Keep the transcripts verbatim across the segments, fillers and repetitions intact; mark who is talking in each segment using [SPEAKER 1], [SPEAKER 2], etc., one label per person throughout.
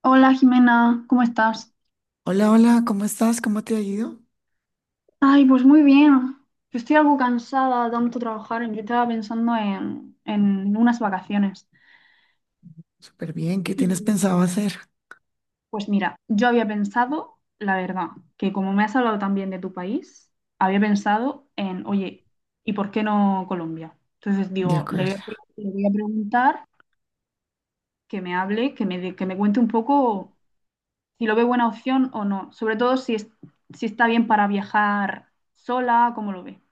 [SPEAKER 1] Hola Jimena, ¿cómo estás?
[SPEAKER 2] Hola, hola, ¿cómo estás? ¿Cómo te ha ido?
[SPEAKER 1] Ay, pues muy bien. Yo estoy algo cansada de tanto trabajar. Yo estaba pensando en, en unas vacaciones.
[SPEAKER 2] Súper bien, ¿qué tienes
[SPEAKER 1] Y
[SPEAKER 2] pensado hacer?
[SPEAKER 1] pues mira, yo había pensado, la verdad, que como me has hablado también de tu país, había pensado en, oye, ¿y por qué no Colombia? Entonces
[SPEAKER 2] De
[SPEAKER 1] digo, le voy
[SPEAKER 2] acuerdo.
[SPEAKER 1] a, pre- le voy a preguntar que me hable, que me, dé- que me cuente un poco si lo ve buena opción o no. Sobre todo si, es- si está bien para viajar sola, ¿cómo lo ve?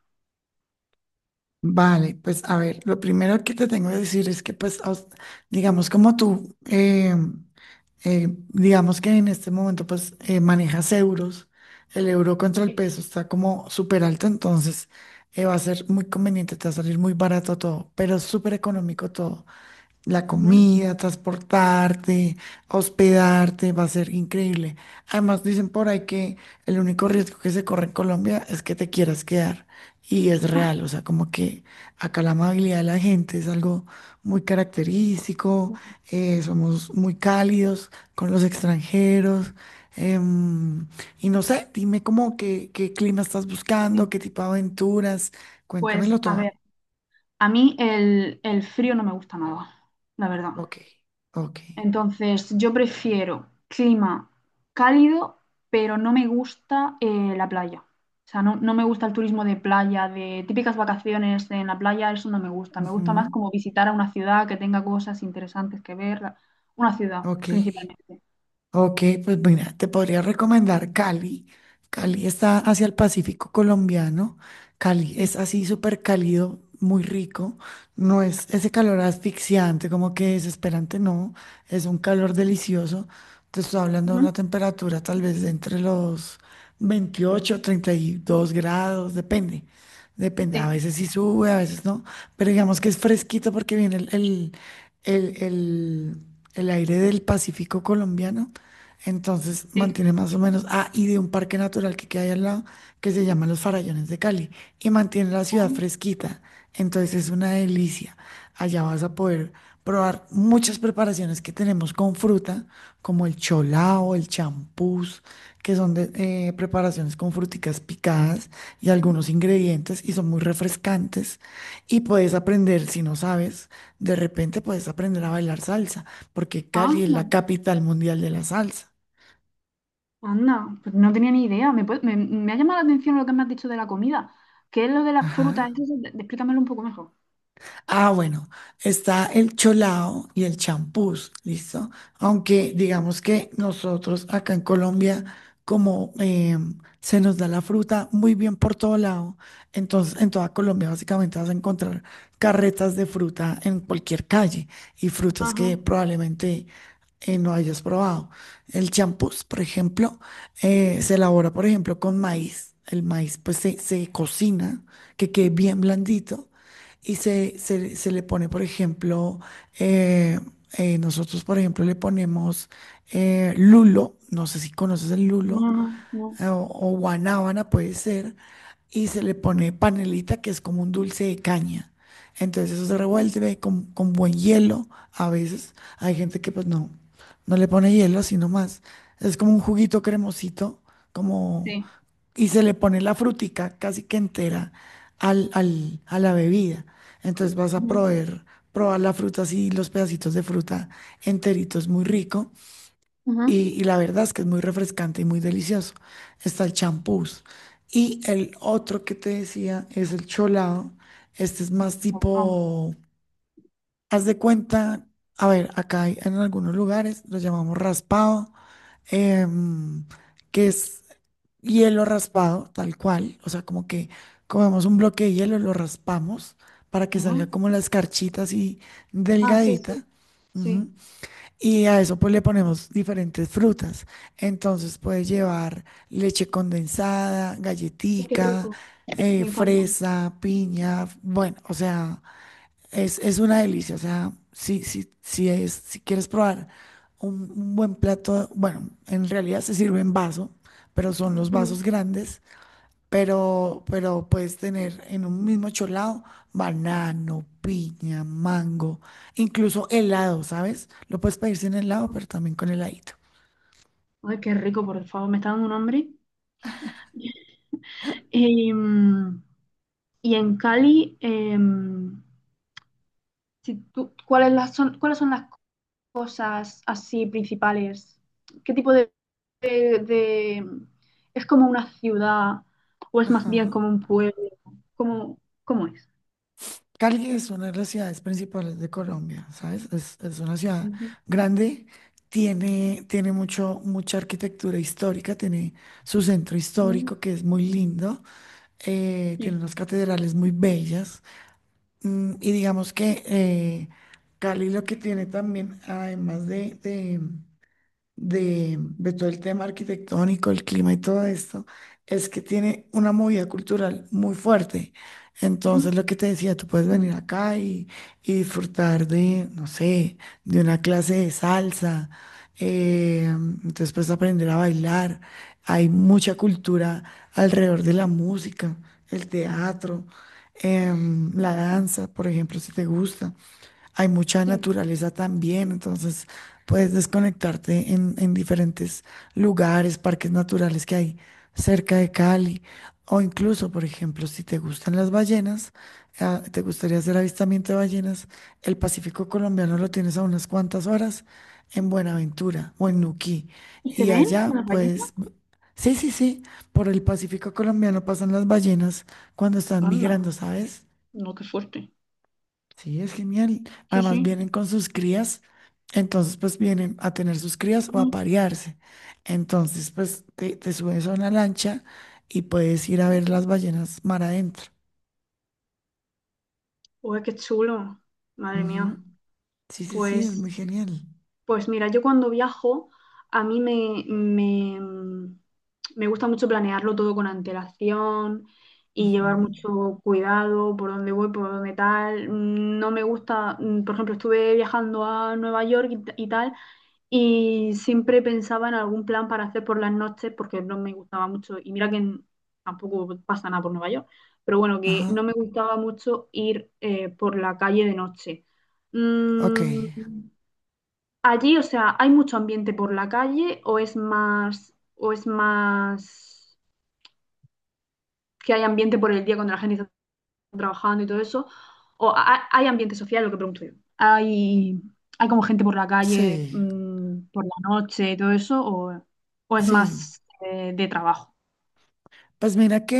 [SPEAKER 2] Vale, pues a ver, lo primero que te tengo que decir es que pues, a us- digamos como tú, eh, eh, digamos que en este momento pues eh, manejas euros, el euro contra el peso está como súper alto, entonces eh, va a ser muy conveniente, te va a salir muy barato todo, pero es súper económico todo. La
[SPEAKER 1] Ujú.
[SPEAKER 2] comida, transportarte, hospedarte, va a ser increíble. Además, dicen por ahí que el único riesgo que se corre en Colombia es que te quieras quedar. Y es real, o sea, como que acá la amabilidad de la gente es algo muy característico, eh, somos muy cálidos con los extranjeros. em, y no sé, dime cómo qué, qué clima estás buscando,
[SPEAKER 1] Sí.
[SPEAKER 2] qué tipo de aventuras,
[SPEAKER 1] Pues
[SPEAKER 2] cuéntamelo
[SPEAKER 1] a
[SPEAKER 2] todo.
[SPEAKER 1] ver, a mí el, el frío no me gusta nada, la verdad.
[SPEAKER 2] Ok, ok.
[SPEAKER 1] Entonces, yo prefiero clima cálido, pero no me gusta eh, la playa. O sea, no, no me gusta el turismo de playa, de típicas vacaciones en la playa, eso no me gusta. Me
[SPEAKER 2] Ujú.
[SPEAKER 1] gusta más como visitar a una ciudad que tenga cosas interesantes que ver, la- una ciudad
[SPEAKER 2] Ok,
[SPEAKER 1] principalmente.
[SPEAKER 2] ok, pues mira, te podría recomendar Cali. Cali está hacia el Pacífico colombiano. Cali
[SPEAKER 1] Sí.
[SPEAKER 2] es así súper cálido, muy rico. No es ese calor asfixiante, como que desesperante, no. Es un calor delicioso. Te estoy hablando de
[SPEAKER 1] Ujú.
[SPEAKER 2] una temperatura tal vez de entre los veintiocho treinta y dos grados, depende. Depende, a
[SPEAKER 1] Sí.
[SPEAKER 2] veces sí sube, a veces no. Pero digamos que es fresquito porque viene el, el, el el- el aire del Pacífico colombiano. Entonces
[SPEAKER 1] Sí.
[SPEAKER 2] mantiene más o menos, ah, y de un parque natural que queda ahí al lado, que se llama Los Farallones de Cali, y mantiene la ciudad
[SPEAKER 1] Ah,
[SPEAKER 2] fresquita. Entonces es una delicia. Allá vas a poder probar muchas preparaciones que tenemos con fruta, como el cholao, el champús, que son de, eh, preparaciones con fruticas picadas y algunos ingredientes, y son muy refrescantes. Y puedes aprender, si no sabes, de repente puedes aprender a bailar salsa porque
[SPEAKER 1] ah,
[SPEAKER 2] Cali es
[SPEAKER 1] no.
[SPEAKER 2] la capital mundial de la salsa.
[SPEAKER 1] Anda, pues no tenía ni idea. Me, puede- me, me ha llamado la atención lo que me has dicho de la comida. ¿Qué es lo de las frutas?
[SPEAKER 2] Ajá.
[SPEAKER 1] Eso, sí, explícamelo un poco mejor.
[SPEAKER 2] Ah, bueno, está el cholao y el champús, ¿listo? Aunque digamos que nosotros acá en Colombia, como em, se nos da la fruta muy bien por todo lado, entonces en toda Colombia básicamente vas a encontrar carretas de fruta en cualquier calle y frutas
[SPEAKER 1] Ajá.
[SPEAKER 2] que probablemente eh, no hayas probado. El champús, por ejemplo, eh, se elabora, por ejemplo, con maíz. El maíz pues se, se cocina, que quede bien blandito y se, se, se le pone, por ejemplo, eh, eh, nosotros, por ejemplo, le ponemos eh, lulo, no sé si conoces el
[SPEAKER 1] No,
[SPEAKER 2] lulo,
[SPEAKER 1] no,
[SPEAKER 2] eh,
[SPEAKER 1] no.
[SPEAKER 2] o, o guanábana puede ser, y se le pone panelita, que es como un dulce de caña. Entonces eso se revuelve con, con buen hielo. A veces hay gente que pues no, no le pone hielo, sino más. Es como un juguito cremosito,
[SPEAKER 1] Sí.
[SPEAKER 2] y se le pone la frutica casi que entera al, al- a la bebida. Entonces vas a
[SPEAKER 1] Ujú,
[SPEAKER 2] proveer, probar la fruta así, los pedacitos de fruta enteritos, muy rico.
[SPEAKER 1] ujú.
[SPEAKER 2] Y, y la verdad es que es muy refrescante y muy delicioso. Está el champús. Y el otro que te decía es el cholado. Este es más
[SPEAKER 1] Guau,
[SPEAKER 2] tipo, haz de cuenta, a ver, acá hay- en algunos lugares lo llamamos raspado, em, que es hielo raspado, tal cual, o sea, como que comemos un bloque de hielo, lo raspamos para que
[SPEAKER 1] ujú.
[SPEAKER 2] salga como la escarchita así
[SPEAKER 1] Ah, sí, sí,
[SPEAKER 2] delgadita. Ujú.
[SPEAKER 1] sí.
[SPEAKER 2] Y a eso pues le ponemos diferentes frutas. Entonces puede llevar leche condensada,
[SPEAKER 1] Ay, qué
[SPEAKER 2] galletica,
[SPEAKER 1] rico.
[SPEAKER 2] eh,
[SPEAKER 1] Me encanta.
[SPEAKER 2] fresa, piña, bueno, o sea, es, es una delicia, o sea, si, si, si, es, si quieres probar un, un buen plato, bueno, en realidad se sirve en vaso, pero son los
[SPEAKER 1] Ujú.
[SPEAKER 2] vasos grandes, pero, pero puedes tener en un mismo cholado banano, piña, mango, incluso helado, ¿sabes? Lo puedes pedir sin helado, pero también con heladito.
[SPEAKER 1] Ay, qué rico, por favor. Me está dando un hambre. Y, mm, y en Cali, em, si tú- ¿cuáles las son, ¿cuáles son las cosas así principales? ¿Qué tipo de, de- de- ¿Es como una ciudad o es más
[SPEAKER 2] Ajá.
[SPEAKER 1] bien como un pueblo? ¿Cómo, cómo es?
[SPEAKER 2] Cali es una de las ciudades principales de Colombia, ¿sabes? Es, es una ciudad
[SPEAKER 1] Ujú.
[SPEAKER 2] grande, tiene, tiene mucho, mucha arquitectura histórica, tiene su centro
[SPEAKER 1] Mm,
[SPEAKER 2] histórico que es muy lindo, eh, tiene
[SPEAKER 1] sí.
[SPEAKER 2] unas catedrales muy bellas, mm, y digamos que eh, Cali lo que tiene también, además de, de, de, de todo el tema arquitectónico, el clima y todo esto, es que tiene una movida cultural muy fuerte.
[SPEAKER 1] Mm,
[SPEAKER 2] Entonces, lo que te decía, tú puedes venir acá y, y disfrutar de, no sé, de una clase de salsa, eh, entonces puedes aprender a bailar. Hay mucha cultura alrededor de la música, el teatro, em, la danza, por ejemplo, si te gusta. Hay mucha
[SPEAKER 1] sí.
[SPEAKER 2] naturaleza también, entonces puedes desconectarte en, en diferentes lugares, parques naturales que hay cerca de Cali, o incluso, por ejemplo, si te gustan las ballenas, ah, te gustaría hacer avistamiento de ballenas, el Pacífico colombiano lo tienes a unas cuantas horas en Buenaventura o en Nuquí, y allá,
[SPEAKER 1] Una calle.
[SPEAKER 2] pues, sí, sí, sí, por el Pacífico colombiano pasan las ballenas cuando están
[SPEAKER 1] Anda.
[SPEAKER 2] migrando, ¿sabes?
[SPEAKER 1] No, qué fuerte.
[SPEAKER 2] Sí, es genial.
[SPEAKER 1] Sí,
[SPEAKER 2] Además
[SPEAKER 1] sí.
[SPEAKER 2] vienen con sus crías, entonces pues vienen a tener sus crías o a
[SPEAKER 1] Mm.
[SPEAKER 2] parearse. Entonces pues te, te subes a una lancha y puedes ir a ver las ballenas mar adentro.
[SPEAKER 1] Uy, qué chulo. Madre mía.
[SPEAKER 2] Ujú. Sí, sí, sí, es
[SPEAKER 1] Pues...
[SPEAKER 2] muy genial.
[SPEAKER 1] Pues mira, yo cuando viajo, a mí me, me, mm, me gusta mucho planearlo todo con antelación y llevar
[SPEAKER 2] Ujú.
[SPEAKER 1] mucho cuidado por dónde voy, por dónde tal. Mm, No me gusta, mm, por ejemplo, estuve viajando a Nueva York y, t- y tal, y siempre pensaba en algún plan para hacer por las noches porque no me gustaba mucho. Y mira que en- tampoco pasa nada por Nueva York, pero bueno, que
[SPEAKER 2] Ajá,
[SPEAKER 1] no me gustaba mucho ir eh, por la calle de noche.
[SPEAKER 2] ok.
[SPEAKER 1] Mm, Allí, o sea, ¿hay mucho ambiente por la calle o es más, o es más que hay ambiente por el día cuando la gente está trabajando y todo eso? ¿O ha- hay ambiente social? Lo que pregunto yo. ¿Hay, hay como gente por la calle,
[SPEAKER 2] Sí,
[SPEAKER 1] mm, por la noche y todo eso? ¿O, o es
[SPEAKER 2] sí.
[SPEAKER 1] más eh, de trabajo?
[SPEAKER 2] Pues mira que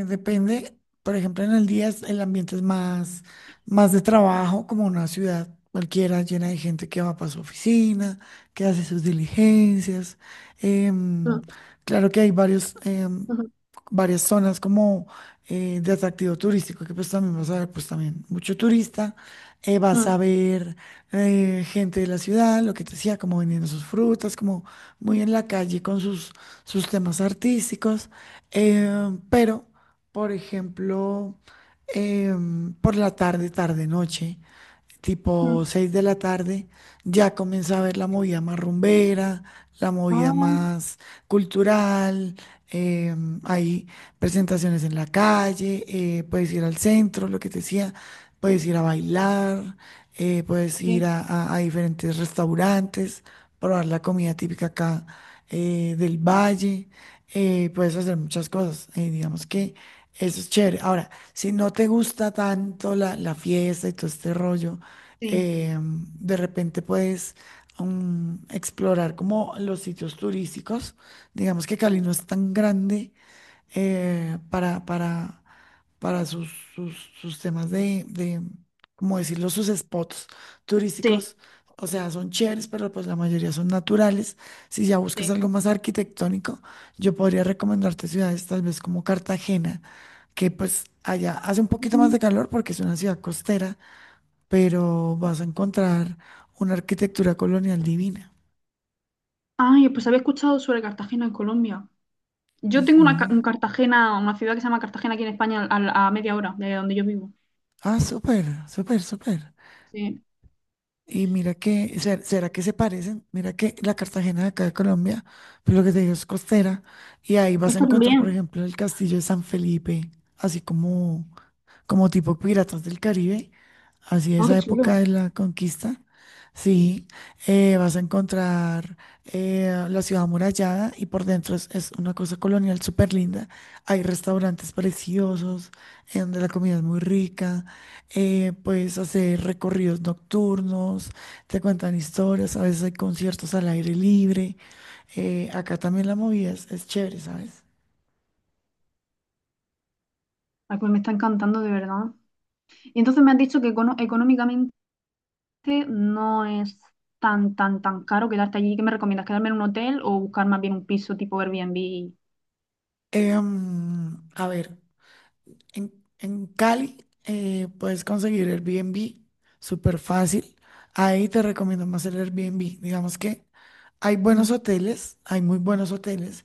[SPEAKER 2] eh, depende, por ejemplo, en el día es- el ambiente es más, más de trabajo, como una ciudad cualquiera llena de gente que va para su oficina, que hace sus diligencias. Em,
[SPEAKER 1] Mm,
[SPEAKER 2] claro que hay varios, em,
[SPEAKER 1] ujú,
[SPEAKER 2] varias zonas como eh, de atractivo turístico, que pues también vas a ver, pues también mucho turista, eh, vas a
[SPEAKER 1] mm,
[SPEAKER 2] ver eh, gente de la ciudad, lo que te decía, como vendiendo sus frutas, como muy en la calle con sus, sus temas artísticos. Eh, pero, por ejemplo, em, por la tarde, tarde, noche, tipo
[SPEAKER 1] mm.
[SPEAKER 2] seis de la tarde, ya comienza a ver la movida más rumbera, la movida
[SPEAKER 1] Ah,
[SPEAKER 2] más cultural, eh, hay presentaciones en la calle, eh, puedes ir al centro, lo que te decía, puedes ir a bailar, eh, puedes ir
[SPEAKER 1] sí,
[SPEAKER 2] a, a- a diferentes restaurantes, probar la comida típica acá, eh, del valle, eh, puedes hacer muchas cosas, eh, digamos que... Eso es chévere. Ahora, si no te gusta tanto la, la fiesta y todo este rollo,
[SPEAKER 1] sí,
[SPEAKER 2] eh, de repente puedes, mm, explorar como los sitios turísticos. Digamos que Cali no es tan grande eh, para, para, para sus, sus, sus temas de, de, ¿cómo decirlo? Sus spots
[SPEAKER 1] sí,
[SPEAKER 2] turísticos. O sea, son chéveres, pero pues la mayoría son naturales. Si ya buscas
[SPEAKER 1] sí.
[SPEAKER 2] algo más arquitectónico, yo podría recomendarte ciudades tal vez como Cartagena, que pues allá hace un poquito más de
[SPEAKER 1] Mm.
[SPEAKER 2] calor porque es una ciudad costera, pero vas a encontrar una arquitectura colonial divina.
[SPEAKER 1] Ay, pues había escuchado sobre Cartagena en Colombia. Yo tengo una, ca-
[SPEAKER 2] Ujú.
[SPEAKER 1] un Cartagena, una ciudad que se llama Cartagena aquí en España, al- a, media hora de donde yo vivo.
[SPEAKER 2] Ah, súper, súper, súper.
[SPEAKER 1] Sí.
[SPEAKER 2] Y mira que, ser- ¿será que se parecen? Mira que la Cartagena de acá de Colombia, pues lo que te digo es costera, y ahí vas a
[SPEAKER 1] Esta
[SPEAKER 2] encontrar, por
[SPEAKER 1] también.
[SPEAKER 2] ejemplo, el castillo de San Felipe, así como como tipo Piratas del Caribe, así
[SPEAKER 1] Oh, qué
[SPEAKER 2] esa época
[SPEAKER 1] chulo.
[SPEAKER 2] de la conquista. Sí, eh, vas a encontrar eh, la ciudad amurallada y por dentro es, es una cosa colonial súper linda. Hay restaurantes preciosos en donde la comida es muy rica. eh, puedes hacer recorridos nocturnos, te cuentan historias, a veces hay conciertos al aire libre. eh, acá también la movida es, es chévere, ¿sabes?
[SPEAKER 1] Ay, pues me está encantando de verdad. Y entonces me han dicho que econo- económicamente no es tan, tan, tan caro quedarte allí. ¿Qué me recomiendas? ¿Quedarme en un hotel o buscar más bien un piso tipo Airbnb?
[SPEAKER 2] Em, a ver. En, en Cali, eh, puedes conseguir Airbnb súper fácil. Ahí te recomiendo más el Airbnb. Digamos que hay buenos
[SPEAKER 1] Ujú.
[SPEAKER 2] hoteles, hay muy buenos hoteles,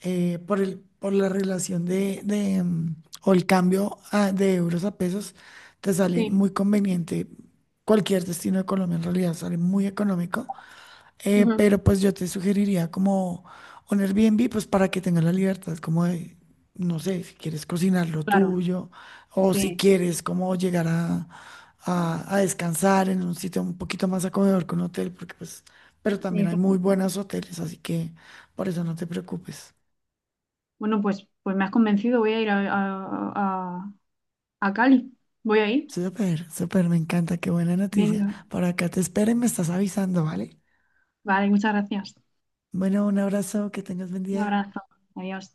[SPEAKER 2] eh, por el, por la relación de, de, mm, o el cambio, ah, de euros a pesos. Te sale
[SPEAKER 1] Sí.
[SPEAKER 2] muy conveniente. Cualquier destino de Colombia en realidad sale muy económico. Eh,
[SPEAKER 1] Ujú.
[SPEAKER 2] pero pues yo te sugeriría como un Airbnb, pues para que tengas la libertad, como de, no sé, si quieres cocinar lo
[SPEAKER 1] Claro.
[SPEAKER 2] tuyo o si
[SPEAKER 1] Sí.
[SPEAKER 2] quieres como llegar a, a- a descansar en un sitio un poquito más acogedor que un hotel, porque pues, pero también
[SPEAKER 1] Sí.
[SPEAKER 2] hay muy
[SPEAKER 1] Claro.
[SPEAKER 2] buenos hoteles, así que por eso no te preocupes.
[SPEAKER 1] Bueno, pues, pues me has convencido. Voy a ir a, a, a a Cali. Voy a ir.
[SPEAKER 2] Súper, súper, me encanta, qué buena noticia.
[SPEAKER 1] Venga.
[SPEAKER 2] Por acá te espero y me estás avisando, ¿vale?
[SPEAKER 1] Vale, muchas gracias.
[SPEAKER 2] Bueno, un abrazo, que tengas buen
[SPEAKER 1] Un
[SPEAKER 2] día.
[SPEAKER 1] abrazo. Adiós.